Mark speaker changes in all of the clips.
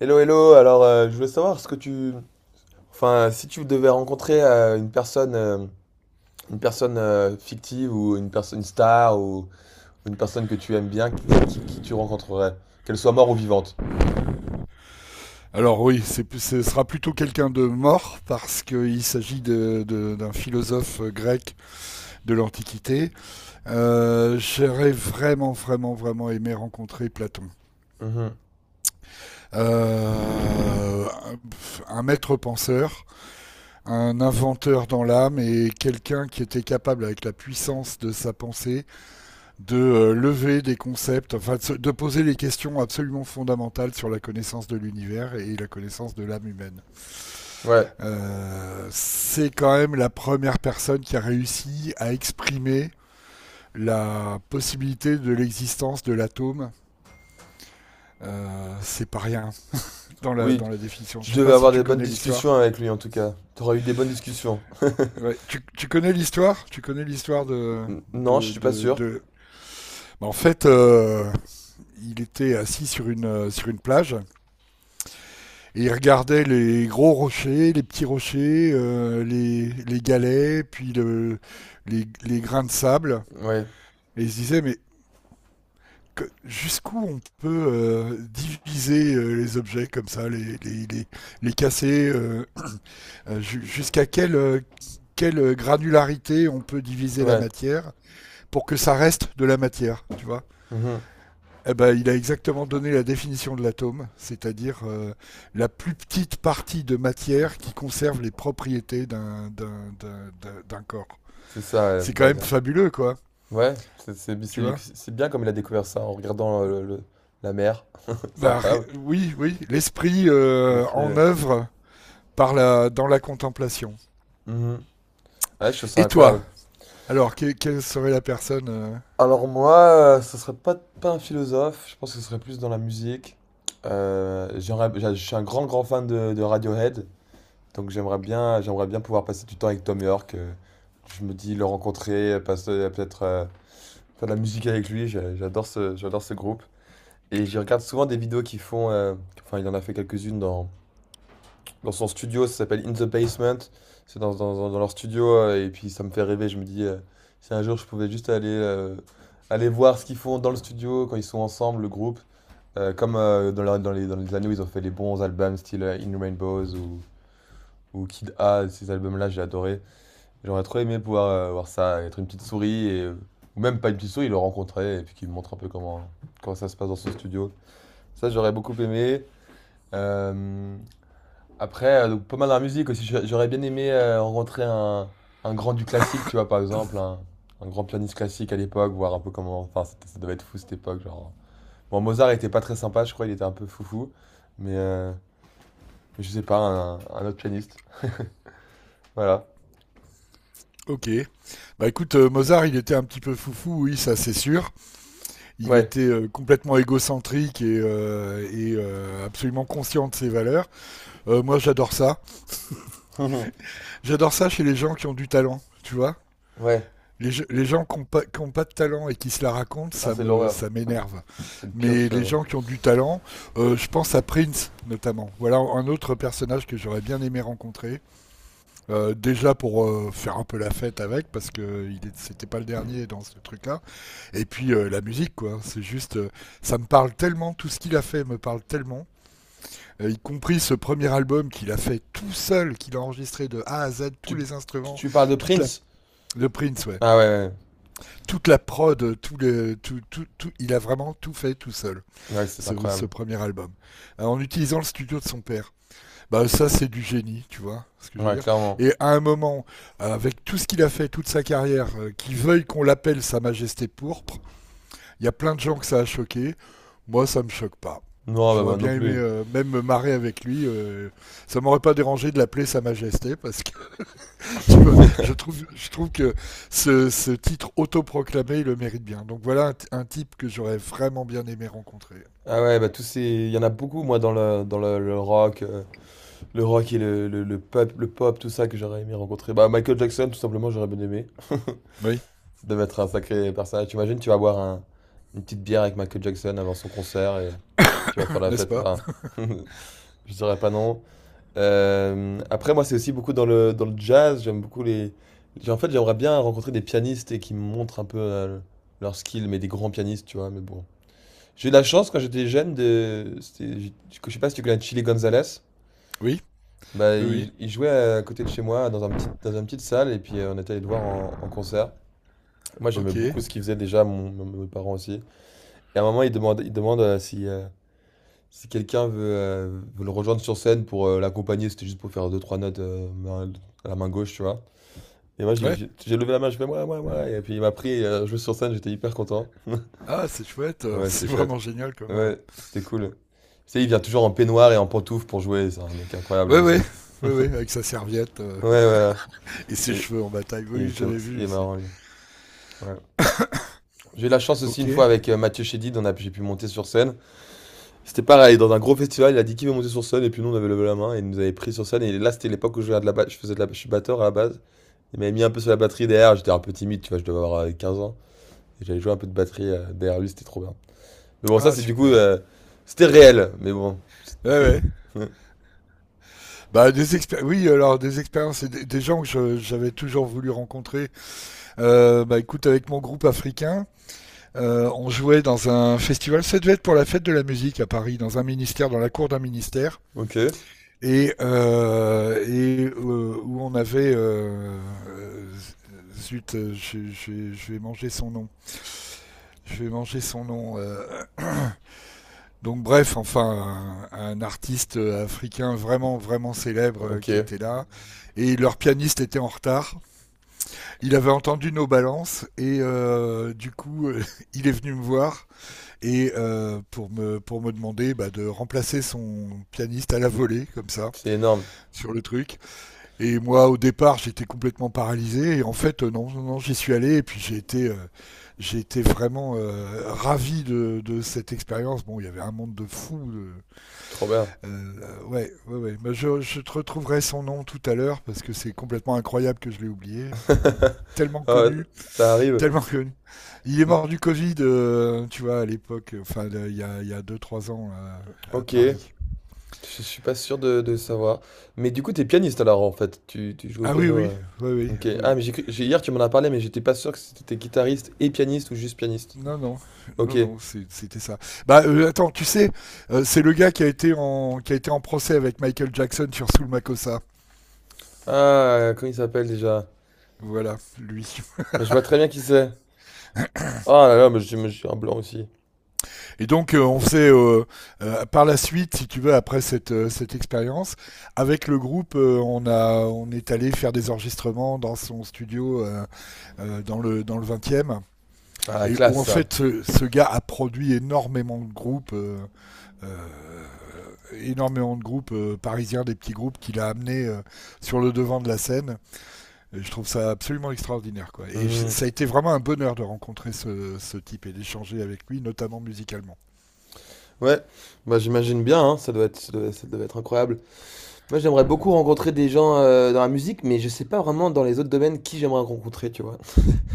Speaker 1: Hello, hello. Alors, je voulais savoir ce que enfin, si tu devais rencontrer une personne, une personne fictive ou une personne, une star ou une personne que tu aimes bien, qui tu rencontrerais, qu'elle soit morte ou vivante.
Speaker 2: Alors oui, ce sera plutôt quelqu'un de mort parce qu'il s'agit d'un philosophe grec de l'Antiquité. J'aurais vraiment, vraiment, vraiment aimé rencontrer Platon.
Speaker 1: Mhm.
Speaker 2: Euh, un maître penseur, un inventeur dans l'âme et quelqu'un qui était capable avec la puissance de sa pensée de lever des concepts, enfin de poser les questions absolument fondamentales sur la connaissance de l'univers et la connaissance de l'âme humaine.
Speaker 1: Ouais.
Speaker 2: C'est quand même la première personne qui a réussi à exprimer la possibilité de l'existence de l'atome. C'est pas rien dans la,
Speaker 1: Oui.
Speaker 2: dans la définition.
Speaker 1: Tu
Speaker 2: Je sais
Speaker 1: devais
Speaker 2: pas si
Speaker 1: avoir des
Speaker 2: tu
Speaker 1: bonnes
Speaker 2: connais l'histoire.
Speaker 1: discussions avec lui en tout cas. T'aurais eu des bonnes discussions.
Speaker 2: Ouais, tu connais l'histoire? Tu connais l'histoire de,
Speaker 1: Non, je
Speaker 2: de,
Speaker 1: suis pas
Speaker 2: de,
Speaker 1: sûr.
Speaker 2: de- Bah, en fait, il était assis sur sur une plage. Et il regardait les gros rochers, les petits rochers, les galets, puis les grains de sable.
Speaker 1: Ouais.
Speaker 2: Et il se disait, mais jusqu'où on peut diviser les objets comme ça, les casser, jusqu'à quelle granularité on peut diviser la
Speaker 1: Ouais.
Speaker 2: matière pour que ça reste de la matière, tu vois?
Speaker 1: Mhm.
Speaker 2: Eh ben, il a exactement donné la définition de l'atome, c'est-à-dire la plus petite partie de matière qui conserve les propriétés d'un corps.
Speaker 1: C'est ça. Ouais.
Speaker 2: C'est quand même fabuleux, quoi,
Speaker 1: Ouais. C'est c'est
Speaker 2: tu
Speaker 1: c'est
Speaker 2: vois.
Speaker 1: c'est bien comme il a découvert ça en regardant la mer. C'est
Speaker 2: Bah,
Speaker 1: incroyable.
Speaker 2: oui, oui, l'esprit
Speaker 1: L'esprit.
Speaker 2: en
Speaker 1: Ouais.
Speaker 2: œuvre par dans la contemplation.
Speaker 1: Mhm. Ouais, je trouve ça
Speaker 2: Et toi?
Speaker 1: incroyable.
Speaker 2: Alors, quelle serait la personne
Speaker 1: Alors moi, ce serait pas un philosophe, je pense que ce serait plus dans la musique. Je suis un grand grand fan de Radiohead, donc j'aimerais j'aimerais bien pouvoir passer du temps avec Tom York. Je me dis le rencontrer, passer peut-être faire de la musique avec lui. J'adore j'adore ce groupe. Et j'y regarde souvent des vidéos qui font, enfin il en a fait quelques-unes dans son studio, ça s'appelle In the Basement. C'est leur studio et puis ça me fait rêver. Je me dis, si un jour je pouvais juste aller voir ce qu'ils font dans le studio quand ils sont ensemble, le groupe. Comme dans les années où ils ont fait les bons albums, style In Rainbows ou Kid A, ces albums-là, j'ai adoré. J'aurais trop aimé pouvoir voir ça, être une petite souris et, ou même pas une petite souris, le rencontrer et puis qu'il me montre un peu comment ça se passe dans son studio. Ça, j'aurais beaucoup aimé. Euh, donc, pas mal dans la musique aussi. J'aurais bien aimé rencontrer un grand du classique, tu vois, par exemple, un grand pianiste classique à l'époque, voir un peu comment. Enfin, ça devait être fou cette époque. Genre... Bon, Mozart était pas très sympa, je crois, il était un peu foufou. Mais mais je sais pas, un autre pianiste. Voilà.
Speaker 2: Ok. Bah écoute, Mozart, il était un petit peu foufou, oui, ça c'est sûr. Il
Speaker 1: Ouais.
Speaker 2: était complètement égocentrique et absolument conscient de ses valeurs. Moi, j'adore ça. J'adore ça chez les gens qui ont du talent, tu vois.
Speaker 1: Ouais.
Speaker 2: Les gens qui n'ont pas, qui ont pas de talent et qui se la racontent,
Speaker 1: Ah, c'est l'horreur.
Speaker 2: ça m'énerve.
Speaker 1: C'est le pire de
Speaker 2: Mais les
Speaker 1: choses.
Speaker 2: gens qui ont du talent, je pense à Prince notamment. Voilà un autre personnage que j'aurais bien aimé rencontrer. Déjà pour faire un peu la fête avec, parce que c'était pas le dernier dans ce truc-là. Et puis la musique, quoi. C'est juste, ça me parle tellement, tout ce qu'il a fait me parle tellement y compris ce premier album qu'il a fait tout seul, qu'il a enregistré de A à Z, tous
Speaker 1: Tu,
Speaker 2: les
Speaker 1: tu
Speaker 2: instruments,
Speaker 1: tu parles de
Speaker 2: toute la
Speaker 1: Prince?
Speaker 2: le Prince, ouais.
Speaker 1: Ah
Speaker 2: Toute la prod, tout, il a vraiment tout fait tout seul,
Speaker 1: ouais. Ouais, c'est incroyable.
Speaker 2: ce premier album, en utilisant le studio de son père. Bah ça, c'est du génie, tu vois, ce que je veux
Speaker 1: Ouais,
Speaker 2: dire.
Speaker 1: clairement.
Speaker 2: Et à un moment, avec tout ce qu'il a fait, toute sa carrière, qu'il veuille qu'on l'appelle Sa Majesté Pourpre, il y a plein de gens que ça a choqué. Moi, ça me choque pas.
Speaker 1: Non,
Speaker 2: J'aurais
Speaker 1: non
Speaker 2: bien aimé
Speaker 1: plus.
Speaker 2: même me marrer avec lui. Ça m'aurait pas dérangé de l'appeler Sa Majesté parce que tu vois, je trouve que ce titre autoproclamé, il le mérite bien. Donc voilà un type que j'aurais vraiment bien aimé rencontrer.
Speaker 1: Ah ouais, bah tous ces... Il y en a beaucoup, moi, dans le rock. Le rock et le pop, tout ça que j'aurais aimé rencontrer. Bah, Michael Jackson, tout simplement, j'aurais bien aimé.
Speaker 2: Oui,
Speaker 1: Ça devait être un sacré personnage. Tu imagines, tu vas boire une petite bière avec Michael Jackson avant son concert et tu vas faire la
Speaker 2: n'est-ce
Speaker 1: fête.
Speaker 2: pas.
Speaker 1: Enfin, je dirais pas non. Moi, c'est aussi beaucoup dans dans le jazz. J'aime beaucoup les. J'ai- En fait, j'aimerais bien rencontrer des pianistes et qui me montrent un peu leur skill, mais des grands pianistes, tu vois. Mais bon. J'ai eu la chance quand j'étais jeune de. Je sais pas si tu connais Chili Gonzalez.
Speaker 2: Oui,
Speaker 1: Bah,
Speaker 2: oui, oui.
Speaker 1: il jouait à côté de chez moi, dans un dans une petite salle, et puis on était allé le voir en concert. Moi, j'aimais
Speaker 2: Ok,
Speaker 1: beaucoup ce qu'il faisait déjà, mes parents aussi. Et à un moment, il demande si quelqu'un veut, veut le rejoindre sur scène pour l'accompagner. C'était juste pour faire deux, trois notes à la main gauche, tu vois. Et moi,
Speaker 2: ouais.
Speaker 1: j'ai levé la main, je fais moi, moi, moi. Et puis il m'a pris, et joué sur scène, j'étais hyper content.
Speaker 2: Ah, c'est chouette.
Speaker 1: Ouais, c'était
Speaker 2: C'est
Speaker 1: chouette.
Speaker 2: vraiment génial comme.
Speaker 1: Ouais, c'était cool. Tu sais, il vient toujours en peignoir et en pantoufles pour jouer. C'est un mec incroyable, lui
Speaker 2: Ouais,
Speaker 1: aussi.
Speaker 2: ouais, ouais, ouais, avec sa serviette
Speaker 1: Ouais, ouais.
Speaker 2: et ses
Speaker 1: Il,
Speaker 2: cheveux en bataille.
Speaker 1: il
Speaker 2: Oui,
Speaker 1: était,
Speaker 2: j'avais
Speaker 1: il
Speaker 2: vu
Speaker 1: est
Speaker 2: aussi.
Speaker 1: marrant, lui. Ouais. J'ai eu la chance aussi
Speaker 2: Ok.
Speaker 1: une fois avec Mathieu Chédid, j'ai pu monter sur scène. C'était pareil, dans un gros festival, il a dit qui veut monter sur scène, et puis nous on avait levé la main, et il nous avait pris sur scène, et là c'était l'époque où je faisais je suis batteur à la base. Il m'avait mis un peu sur la batterie derrière, j'étais un peu timide, tu vois, je devais avoir 15 ans, et j'avais joué un peu de batterie derrière lui, c'était trop bien. Mais bon, ça
Speaker 2: Ah,
Speaker 1: c'est du coup,
Speaker 2: super.
Speaker 1: euh, c'était réel, mais bon.
Speaker 2: Ouais, ouais. Bah, oui, alors des expériences et des gens j'avais toujours voulu rencontrer. Bah, écoute, avec mon groupe africain, on jouait dans un festival. Ça devait être pour la fête de la musique à Paris, dans un ministère, dans la cour d'un ministère,
Speaker 1: Ok,
Speaker 2: où on avait. Euh, zut, je vais manger son nom. Je vais manger son nom. Donc bref, enfin, artiste africain vraiment, vraiment célèbre
Speaker 1: ok,
Speaker 2: qui était là. Et leur pianiste était en retard. Il avait entendu nos balances et du coup, il est venu me voir et pour me demander bah, de remplacer son pianiste à la volée, comme ça,
Speaker 1: c'est énorme,
Speaker 2: sur le truc. Et moi, au départ, j'étais complètement paralysé. Et en fait, non, non, non, j'y suis allé et puis j'ai été vraiment ravi de, cette expérience. Bon, il y avait un monde de fous,
Speaker 1: trop bien.
Speaker 2: ouais, ouais, ouais. Mais je te retrouverai son nom tout à l'heure parce que c'est complètement incroyable que je l'ai oublié. Enfin, tellement
Speaker 1: Ah ouais,
Speaker 2: connu,
Speaker 1: ça arrive.
Speaker 2: tellement connu. Il est
Speaker 1: Mm,
Speaker 2: mort du Covid, tu vois, à l'époque, enfin, là, il y a 2-3 ans là, à
Speaker 1: ok,
Speaker 2: Paris.
Speaker 1: je suis pas sûr de savoir. Mais du coup, t'es pianiste alors en fait. Tu joues au
Speaker 2: Ah oui,
Speaker 1: piano.
Speaker 2: oui,
Speaker 1: Euh.
Speaker 2: oui, oui,
Speaker 1: Ok.
Speaker 2: oui,
Speaker 1: Ah,
Speaker 2: oui.
Speaker 1: mais hier tu m'en as parlé, mais j'étais pas sûr que c'était guitariste et pianiste ou juste pianiste.
Speaker 2: Non, non,
Speaker 1: Ok.
Speaker 2: non, non, c'était ça. Bah, attends, tu sais, c'est le gars qui a été qui a été en procès avec Michael Jackson sur Soul Makossa.
Speaker 1: Ah, comment il s'appelle déjà?
Speaker 2: Voilà, lui.
Speaker 1: Mais je vois très bien qui c'est. Oh là là, mais j'ai un blanc aussi.
Speaker 2: Et donc, on faisait par la suite, si tu veux, après cette expérience, avec le groupe, on est allé faire des enregistrements dans son studio dans, dans le 20e.
Speaker 1: Ah, la
Speaker 2: Et où
Speaker 1: classe
Speaker 2: en
Speaker 1: ça.
Speaker 2: fait, ce gars a produit euh, énormément de groupes parisiens, des petits groupes qu'il a amenés sur le devant de la scène. Et je trouve ça absolument extraordinaire. Quoi. Et
Speaker 1: Mhm.
Speaker 2: ça a été vraiment un bonheur de rencontrer ce type et d'échanger avec lui, notamment musicalement.
Speaker 1: Ouais, bah j'imagine bien, hein, ça doit être incroyable. Moi, j'aimerais beaucoup rencontrer des gens dans la musique, mais je sais pas vraiment dans les autres domaines qui j'aimerais rencontrer, tu vois.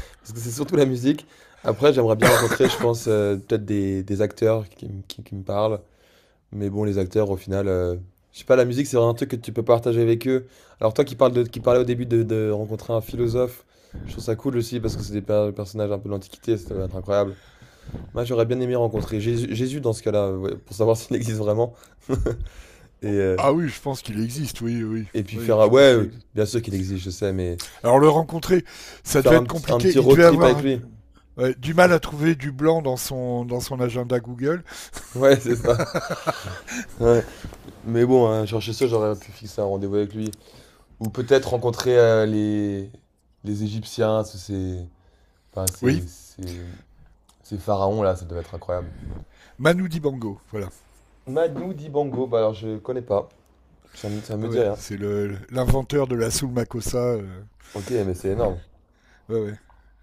Speaker 1: Parce que c'est surtout la musique. Après, j'aimerais bien rencontrer, je pense, peut-être des acteurs qui, qui me parlent. Mais bon, les acteurs, au final, je sais pas, la musique, c'est vraiment un truc que tu peux partager avec eux. Alors toi qui parles qui parlais au début de rencontrer un philosophe, je trouve ça cool aussi parce que c'est des personnages un peu de l'Antiquité, ça doit être incroyable. Moi, j'aurais bien aimé rencontrer Jésus, Jésus dans ce cas-là, ouais, pour savoir s'il existe vraiment. Et, euh,
Speaker 2: Ah oui, je pense qu'il existe, oui, oui, oui, je pense
Speaker 1: Ouais,
Speaker 2: qu'il existe.
Speaker 1: bien sûr qu'il existe, je sais, mais
Speaker 2: Alors le
Speaker 1: je-
Speaker 2: rencontrer, ça
Speaker 1: faire
Speaker 2: devait être
Speaker 1: un
Speaker 2: compliqué.
Speaker 1: petit
Speaker 2: Il
Speaker 1: road
Speaker 2: devait
Speaker 1: trip
Speaker 2: avoir
Speaker 1: avec lui.
Speaker 2: ouais, du mal à trouver du blanc dans son agenda Google.
Speaker 1: Ouais, c'est ça. Ouais. Mais bon, hein, chercher ça, j'aurais pu fixer un rendez-vous avec lui. Ou peut-être rencontrer les Égyptiens, ces... Enfin,
Speaker 2: Oui,
Speaker 1: ces pharaons là, ça devait être incroyable.
Speaker 2: Manu Dibango, voilà.
Speaker 1: Madou Dibango, bah alors je connais pas. Ça me
Speaker 2: Ah
Speaker 1: dit
Speaker 2: ouais,
Speaker 1: rien.
Speaker 2: c'est le l'inventeur de la soul makossa.
Speaker 1: Ok, mais c'est énorme.
Speaker 2: Ouais, ouais.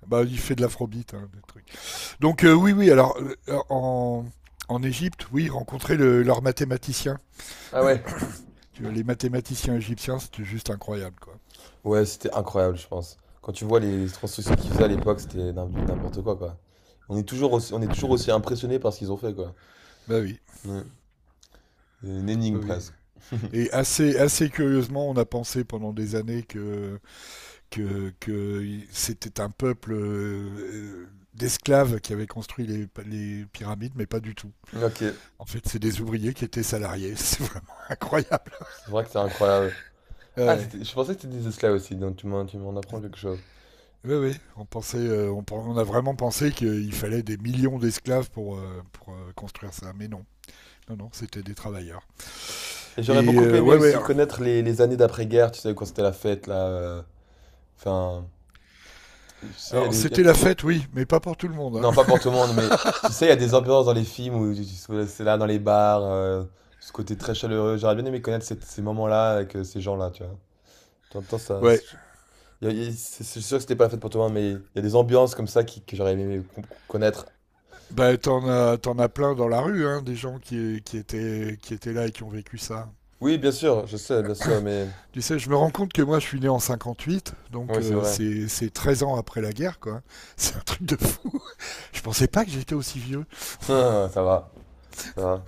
Speaker 2: Bah, il fait de l'afrobeat, hein, des trucs. Donc oui, oui. Alors en en Égypte, oui, rencontrer le, leurs mathématiciens.
Speaker 1: Ah ouais?
Speaker 2: Tu vois, les mathématiciens égyptiens, c'était juste incroyable, quoi.
Speaker 1: Ouais, c'était incroyable, je pense. Quand tu vois les constructions qu'ils faisaient à l'époque, c'était du n'importe quoi, quoi. On est toujours aussi impressionné par ce qu'ils ont fait, quoi.
Speaker 2: Bah oui,
Speaker 1: Ouais. C'est une énigme
Speaker 2: bah oui.
Speaker 1: presque.
Speaker 2: Et assez, assez curieusement, on a pensé pendant des années que, que c'était un peuple d'esclaves qui avait construit les pyramides, mais pas du tout.
Speaker 1: Ok.
Speaker 2: En fait, c'est des ouvriers qui étaient salariés. C'est vraiment incroyable.
Speaker 1: C'est vrai que c'est incroyable. Ah,
Speaker 2: Ouais.
Speaker 1: je pensais que tu disais cela aussi, donc tu m'en apprends quelque chose.
Speaker 2: Oui, oui, pensait, on a vraiment pensé qu'il fallait des millions d'esclaves pour, construire ça, mais non. Non, non, c'était des travailleurs.
Speaker 1: Et j'aurais
Speaker 2: Et
Speaker 1: beaucoup aimé
Speaker 2: ouais, ouais.
Speaker 1: aussi connaître les années d'après-guerre, tu sais, quand c'était la fête, là. Enfin, tu sais, il y a
Speaker 2: Alors,
Speaker 1: des. Il y a
Speaker 2: c'était
Speaker 1: des-
Speaker 2: la fête, oui, mais pas pour tout le monde.
Speaker 1: non, pas
Speaker 2: Hein.
Speaker 1: pour tout le monde, mais tu sais, il y a des ambiances dans les films où c'est là, dans les bars, ce côté très chaleureux. J'aurais bien aimé connaître ces moments-là avec ces gens-là, tu vois. T'entends ça.
Speaker 2: Ouais,
Speaker 1: C'est il y a- c'est- C'est sûr que c'était pas la fête pour tout le monde, mais il y a des ambiances comme ça que j'aurais aimé connaître.
Speaker 2: bah, t'en as plein dans la rue, hein, des gens qui étaient là et qui ont vécu ça.
Speaker 1: Oui, bien sûr, je sais, bien sûr, mais.
Speaker 2: Tu sais, je me rends compte que moi, je suis né en 58, donc
Speaker 1: Oui, c'est vrai.
Speaker 2: c'est 13 ans après la guerre, quoi. C'est un truc de fou. Je pensais pas que j'étais aussi vieux.
Speaker 1: Ça va, ça va.